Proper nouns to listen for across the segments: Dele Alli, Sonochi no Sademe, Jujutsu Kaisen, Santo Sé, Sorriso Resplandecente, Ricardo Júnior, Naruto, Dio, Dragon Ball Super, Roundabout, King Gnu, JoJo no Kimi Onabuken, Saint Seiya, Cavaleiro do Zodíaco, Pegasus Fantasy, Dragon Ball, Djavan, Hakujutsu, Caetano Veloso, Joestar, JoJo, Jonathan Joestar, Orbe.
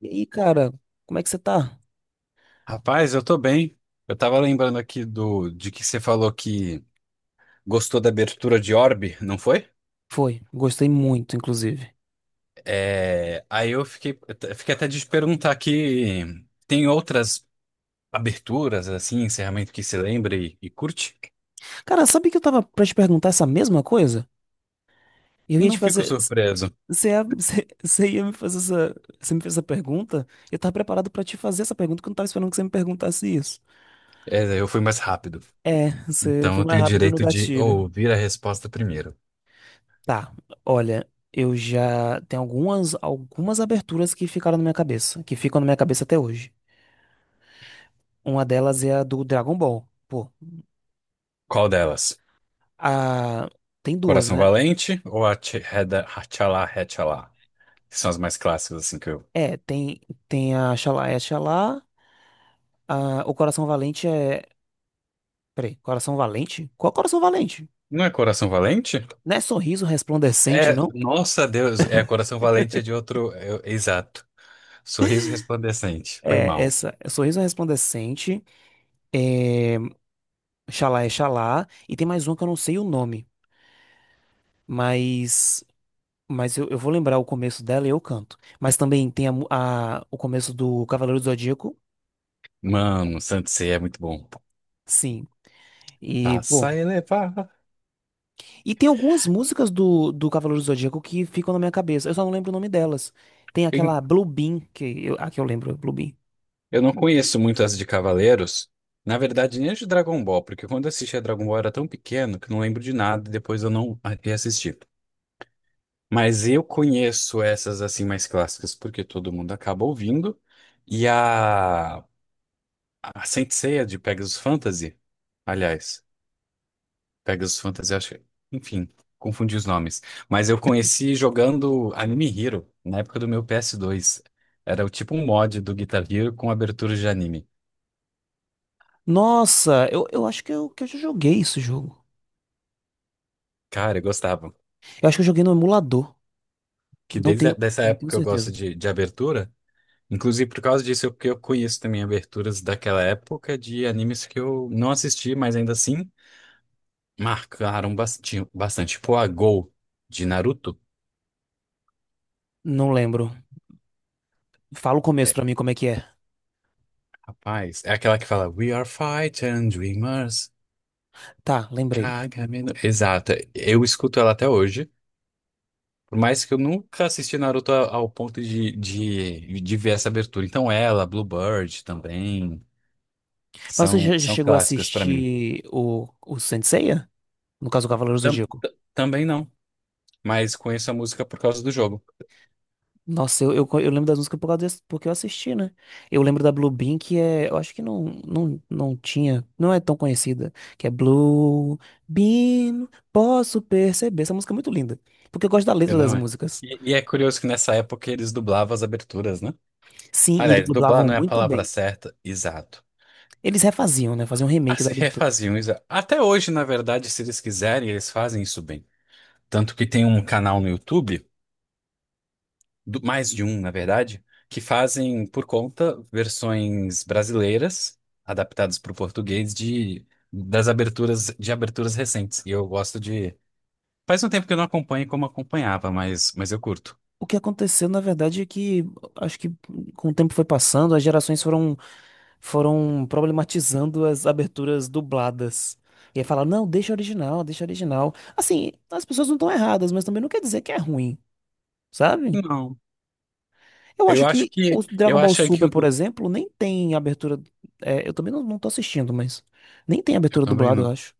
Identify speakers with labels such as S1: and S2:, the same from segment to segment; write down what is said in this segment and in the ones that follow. S1: E aí, cara, como é que você tá?
S2: Rapaz, eu tô bem. Eu tava lembrando aqui do de que você falou que gostou da abertura de Orbe, não foi?
S1: Foi, gostei muito, inclusive.
S2: É, aí eu fiquei, eu t- fiquei até de te perguntar aqui. Tem outras aberturas, assim, encerramento que você lembra e curte?
S1: Cara, sabe que eu tava pra te perguntar essa mesma coisa? E eu ia te
S2: Não fico
S1: fazer.
S2: surpreso.
S1: Você ia, você ia me fazer essa. Você me fez essa pergunta? Eu tava preparado pra te fazer essa pergunta, que eu não tava esperando que você me perguntasse isso.
S2: É, eu fui mais rápido.
S1: É, você
S2: Então
S1: foi
S2: eu
S1: mais
S2: tenho o
S1: rápido no
S2: direito de
S1: gatilho.
S2: ouvir a resposta primeiro.
S1: Tá, olha, eu já. Tem algumas aberturas que ficaram na minha cabeça, que ficam na minha cabeça até hoje. Uma delas é a do Dragon Ball. Pô,
S2: Qual delas?
S1: a. Tem duas,
S2: Coração
S1: né?
S2: Valente ou a Tchala Hatchala? Que são as mais clássicas, assim, que eu...
S1: É, tem, tem a Xalá é Xalá, a, o Coração Valente é. Peraí, Coração Valente? Qual Coração Valente?
S2: Não é Coração Valente?
S1: Não é Sorriso Resplandecente,
S2: É,
S1: não?
S2: nossa Deus, é Coração Valente é de outro, é, exato. Sorriso Resplandecente, foi
S1: É,
S2: mal.
S1: essa. É Sorriso Resplandecente, é, é Xalá, e tem mais uma que eu não sei o nome, mas. Mas eu vou lembrar o começo dela e eu canto. Mas também tem a, mu- a- o começo do Cavaleiro do Zodíaco,
S2: Mano, Santo Sé é muito bom.
S1: sim. E,
S2: Passa
S1: pô,
S2: a elevar.
S1: e tem algumas músicas do, do Cavaleiro do Zodíaco que ficam na minha cabeça. Eu só não lembro o nome delas. Tem
S2: Eu
S1: aquela Blue Beam, que eu, a que eu lembro, Blue Beam.
S2: eu não conheço muito as de Cavaleiros, na verdade nem as de Dragon Ball, porque quando eu assistia Dragon Ball eu era tão pequeno que não lembro de nada, e depois eu não reassisti. Mas eu conheço essas assim mais clássicas, porque todo mundo acaba ouvindo. E a Saint Seiya de Pegasus Fantasy, aliás. Pegasus Fantasy, acho que... Enfim, confundi os nomes. Mas eu conheci jogando Anime Hero, na época do meu PS2. Era o tipo um mod do Guitar Hero com abertura de anime.
S1: Nossa, eu acho que eu já joguei esse jogo.
S2: Cara, eu gostava.
S1: Eu acho que eu joguei no emulador.
S2: Que
S1: Não
S2: desde
S1: tenho,
S2: dessa
S1: não tenho
S2: época eu gosto
S1: certeza.
S2: de abertura. Inclusive, por causa disso, que eu conheço também aberturas daquela época de animes que eu não assisti, mas ainda assim marcaram bastante. Tipo a Go de Naruto.
S1: Não lembro. Fala o começo
S2: É,
S1: pra mim como é que é.
S2: rapaz, é aquela que fala We are fighting dreamers.
S1: Tá, lembrei.
S2: Caraca, menor. Exato. Eu escuto ela até hoje, por mais que eu nunca assisti Naruto ao ponto de ver essa abertura. Então ela, Bluebird também,
S1: Mas você
S2: são,
S1: já, já
S2: são
S1: chegou a
S2: clássicas pra mim.
S1: assistir o Saint Seiya? No caso, o Cavaleiro do
S2: Tam-
S1: Zodíaco.
S2: Também não, mas conheço a música por causa do jogo.
S1: Nossa, eu lembro das músicas por causa desse, porque eu assisti, né? Eu lembro da Blue Bean, que é. Eu acho que não, não, não tinha. Não é tão conhecida. Que é Blue Bean, posso perceber. Essa música é muito linda. Porque eu gosto da
S2: Eu
S1: letra das
S2: não é.
S1: músicas.
S2: E é curioso que nessa época eles dublavam as aberturas, né?
S1: Sim, e eles
S2: Aliás, dublar
S1: dublavam
S2: não é a
S1: muito
S2: palavra
S1: bem.
S2: certa, exato.
S1: Eles refaziam, né? Faziam um remake da
S2: Assim,
S1: abertura.
S2: refaziam, isso. Até hoje, na verdade, se eles quiserem, eles fazem isso bem. Tanto que tem um canal no YouTube, mais de um, na verdade, que fazem por conta versões brasileiras adaptadas para o português de das aberturas de aberturas recentes. E eu gosto de. Faz um tempo que eu não acompanho como acompanhava, mas eu curto.
S1: O que aconteceu, na verdade, é que acho que com o tempo foi passando, as gerações foram foram problematizando as aberturas dubladas. E aí fala, não, deixa original, deixa original. Assim, as pessoas não estão erradas, mas também não quer dizer que é ruim, sabe?
S2: Não,
S1: Eu
S2: eu
S1: acho
S2: acho
S1: que o
S2: que
S1: Dragon
S2: eu
S1: Ball
S2: acho que
S1: Super, por exemplo, nem tem abertura. É, eu também não, não tô assistindo, mas nem tem
S2: eu
S1: abertura
S2: também
S1: dublada,
S2: não.
S1: eu acho.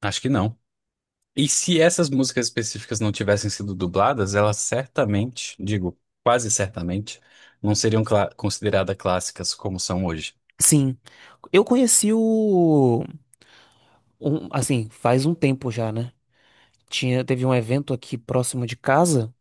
S2: Acho que não. E se essas músicas específicas não tivessem sido dubladas, elas certamente, digo, quase certamente, não seriam consideradas clássicas como são hoje.
S1: Sim. Eu conheci o. Um- assim, faz um tempo já, né? Tinha, teve um evento aqui próximo de casa.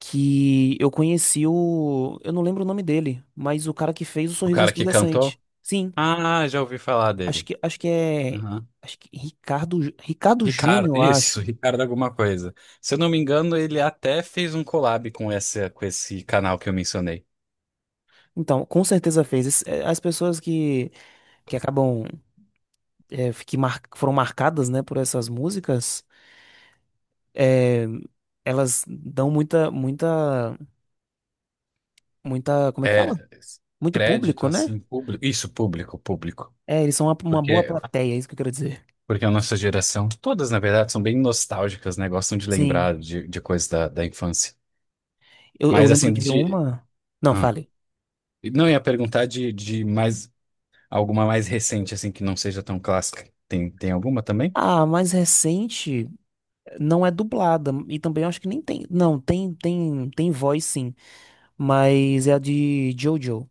S1: Que eu conheci o, eu não lembro o nome dele, mas o cara que fez o
S2: O
S1: Sorriso
S2: cara que
S1: Resplandecente.
S2: cantou.
S1: Sim,
S2: Ah, já ouvi falar
S1: acho
S2: dele.
S1: que acho que é
S2: Aham.
S1: acho que Ricardo Jú- Ricardo Júnior,
S2: Ricardo,
S1: eu
S2: isso,
S1: acho.
S2: Ricardo alguma coisa. Se eu não me engano, ele até fez um collab com com esse canal que eu mencionei.
S1: Então, com certeza fez. Esse- é, as pessoas que acabam é, que mar- foram marcadas, né, por essas músicas, é, elas dão muita muita muita, como é que fala?
S2: É,
S1: Muito
S2: crédito
S1: público, né?
S2: assim, público. Isso, público, público.
S1: É, eles são uma boa
S2: Porque,
S1: plateia, é isso que eu quero dizer.
S2: porque a nossa geração, todas na verdade, são bem nostálgicas, né? Gostam de
S1: Sim.
S2: lembrar de coisas da infância.
S1: Eu
S2: Mas
S1: lembro
S2: assim,
S1: de
S2: de.
S1: uma. Não,
S2: Ah,
S1: fale.
S2: não ia perguntar de mais alguma mais recente, assim, que não seja tão clássica. Tem alguma também?
S1: Ah, a mais recente não é dublada e também acho que nem tem. Não, tem voz sim, mas é a de JoJo.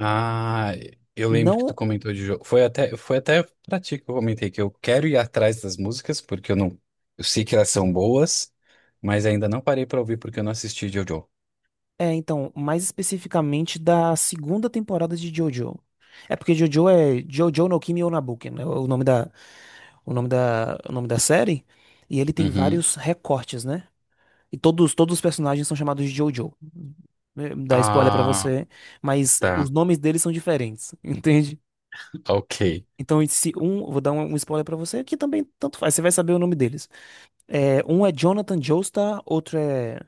S2: Ah, eu lembro que
S1: Não
S2: tu comentou de jogo. Foi até pra ti que eu comentei que eu quero ir atrás das músicas, porque eu não. Eu sei que elas são boas, mas ainda não parei pra ouvir porque eu não assisti JoJo.
S1: é, então, mais especificamente da segunda temporada de JoJo. É porque JoJo é JoJo no Kimi Onabuken, né? O nome da o nome da o nome da série, e ele tem
S2: Uhum.
S1: vários recortes, né? E todos os personagens são chamados de JoJo. Eh, dá spoiler pra
S2: Ah,
S1: você, mas os
S2: tá.
S1: nomes deles são diferentes, entende?
S2: Ok.
S1: Então, se um, vou dar um, um spoiler pra você, que também tanto faz, você vai saber o nome deles. É, um é Jonathan Joestar, outro é.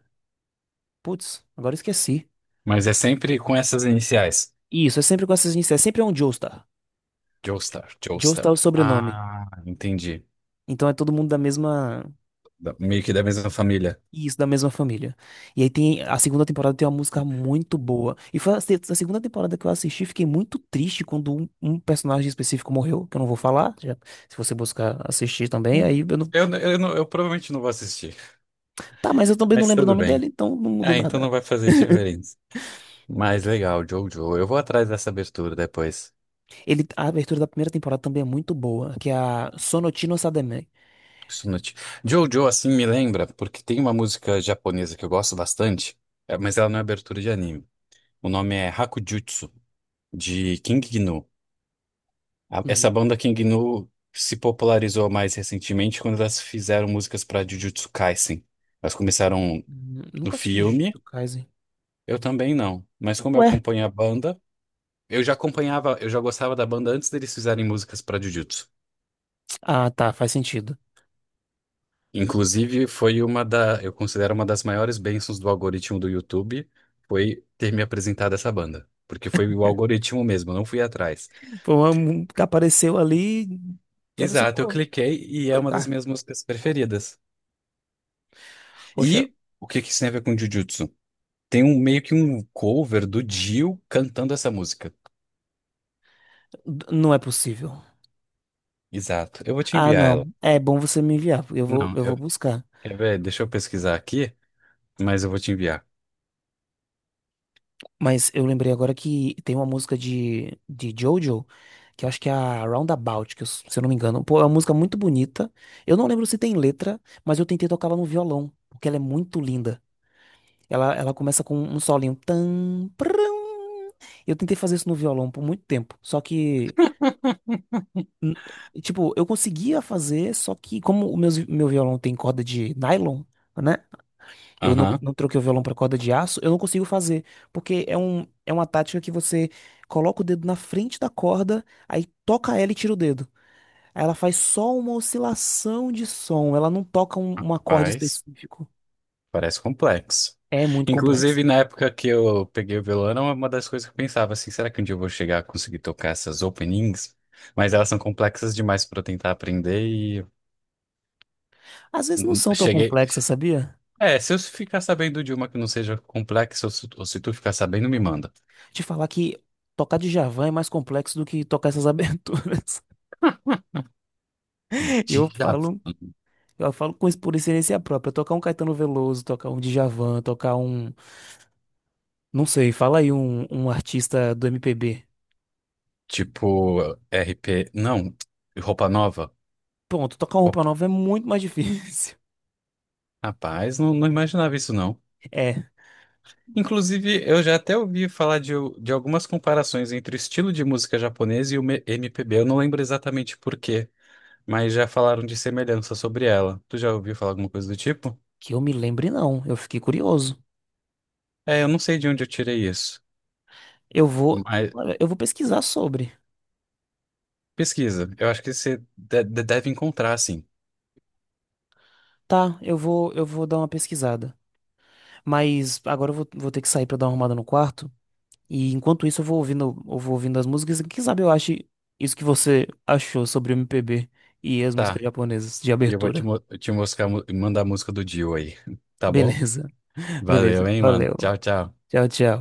S1: Putz, agora eu esqueci.
S2: Mas é sempre com essas iniciais.
S1: Isso, é sempre com essas iniciais, sempre é um Joestar.
S2: Joestar,
S1: Joestar é o
S2: Joestar.
S1: sobrenome.
S2: Ah, entendi.
S1: Então é todo mundo da mesma.
S2: Meio que da mesma família.
S1: Isso, da mesma família. E aí tem. A segunda temporada tem uma música muito boa. E foi a, se- a segunda temporada que eu assisti, fiquei muito triste quando um personagem específico morreu, que eu não vou falar. Já- se você buscar assistir também,
S2: Hum.
S1: aí eu não.
S2: Eu provavelmente não vou assistir,
S1: Tá, mas eu também não
S2: mas
S1: lembro o
S2: tudo
S1: nome dele,
S2: bem.
S1: então não muda
S2: Ah, então
S1: nada.
S2: não vai fazer diferença. Mas legal, Jojo. Eu vou atrás dessa abertura depois.
S1: Ele, a abertura da primeira temporada também é muito boa, que é a Sonochi no Sademe.
S2: Isso não te- Jojo, assim, me lembra, porque tem uma música japonesa que eu gosto bastante, é, mas ela não é abertura de anime. O nome é Hakujutsu, de King Gnu. Essa
S1: Hum,
S2: banda King Gnu se popularizou mais recentemente quando elas fizeram músicas para Jujutsu Kaisen. Elas começaram no
S1: Nunca assisti
S2: filme,
S1: Jujutsu Kaisen.
S2: eu também não. Mas como eu
S1: Ué?
S2: acompanho a banda, eu já acompanhava, eu já gostava da banda antes deles fizerem músicas para Jujutsu.
S1: Ah, tá, faz sentido.
S2: Inclusive, eu considero uma das maiores bênçãos do algoritmo do YouTube, foi ter me apresentado essa banda. Porque foi o algoritmo mesmo, eu não fui atrás.
S1: Foi uma mu- que apareceu ali, deve ser,
S2: Exato, eu
S1: pô, vou
S2: cliquei e é uma das
S1: clicar.
S2: minhas músicas preferidas.
S1: Poxa,
S2: E o que que isso tem a ver com Jujutsu? Tem meio que um cover do Dio cantando essa música.
S1: d- não é possível.
S2: Exato, eu vou te
S1: Ah,
S2: enviar
S1: não.
S2: ela.
S1: É bom você me enviar, porque
S2: Não,
S1: eu vou buscar.
S2: quer ver? Deixa eu pesquisar aqui. Mas eu vou te enviar.
S1: Mas eu lembrei agora que tem uma música de Jojo, que eu acho que é a Roundabout, que eu s- se eu não me engano. Pô, é uma música muito bonita. Eu não lembro se tem letra, mas eu tentei tocar ela no violão, porque ela é muito linda. Ela começa com um solinho. Tan, prum. Eu tentei fazer isso no violão por muito tempo, só que, n- tipo, eu conseguia fazer, só que como o meu, meu violão tem corda de nylon, né? Eu não,
S2: Aham,
S1: não troquei o violão pra corda de aço, eu não consigo fazer, porque é um, é uma tática que você coloca o dedo na frente da corda, aí toca ela e tira o dedo. Aí ela faz só uma oscilação de som, ela não toca um, um acorde
S2: faz.
S1: específico.
S2: Parece complexo.
S1: É muito
S2: Inclusive,
S1: complexo.
S2: na época que eu peguei o violão, era uma das coisas que eu pensava assim, será que um dia eu vou chegar a conseguir tocar essas openings? Mas elas são complexas demais para eu tentar aprender e
S1: Às vezes não são tão
S2: cheguei.
S1: complexas, sabia?
S2: É, se eu ficar sabendo de uma que não seja complexa, ou se tu ficar sabendo, me manda.
S1: Te falar que tocar Djavan é mais complexo do que tocar essas aberturas. E Eu falo com isso por experiência própria. Tocar um Caetano Veloso, tocar um Djavan, tocar um, não sei, fala aí um artista do MPB.
S2: Tipo, RP. Não, roupa nova.
S1: Pronto, tocar uma roupa
S2: Opa,
S1: nova é muito mais difícil.
S2: rapaz, não, não imaginava isso, não.
S1: É,
S2: Inclusive, eu já até ouvi falar de algumas comparações entre o estilo de música japonesa e o MPB. Eu não lembro exatamente por quê, mas já falaram de semelhança sobre ela. Tu já ouviu falar alguma coisa do tipo?
S1: que eu me lembre não, eu fiquei curioso.
S2: É, eu não sei de onde eu tirei isso,
S1: Eu vou,
S2: mas
S1: olha, eu vou pesquisar sobre.
S2: pesquisa. Eu acho que você deve encontrar, sim.
S1: Tá, eu vou dar uma pesquisada. Mas agora eu vou, vou ter que sair pra dar uma arrumada no quarto. E enquanto isso eu vou ouvindo as músicas. Quem sabe eu ache isso que você achou sobre o MPB e as músicas
S2: Tá,
S1: japonesas de
S2: e eu vou te,
S1: abertura.
S2: te mostrar, mandar a música do Dio aí, tá bom?
S1: Beleza, beleza.
S2: Valeu, hein, mano.
S1: Valeu.
S2: Tchau, tchau.
S1: Tchau, tchau.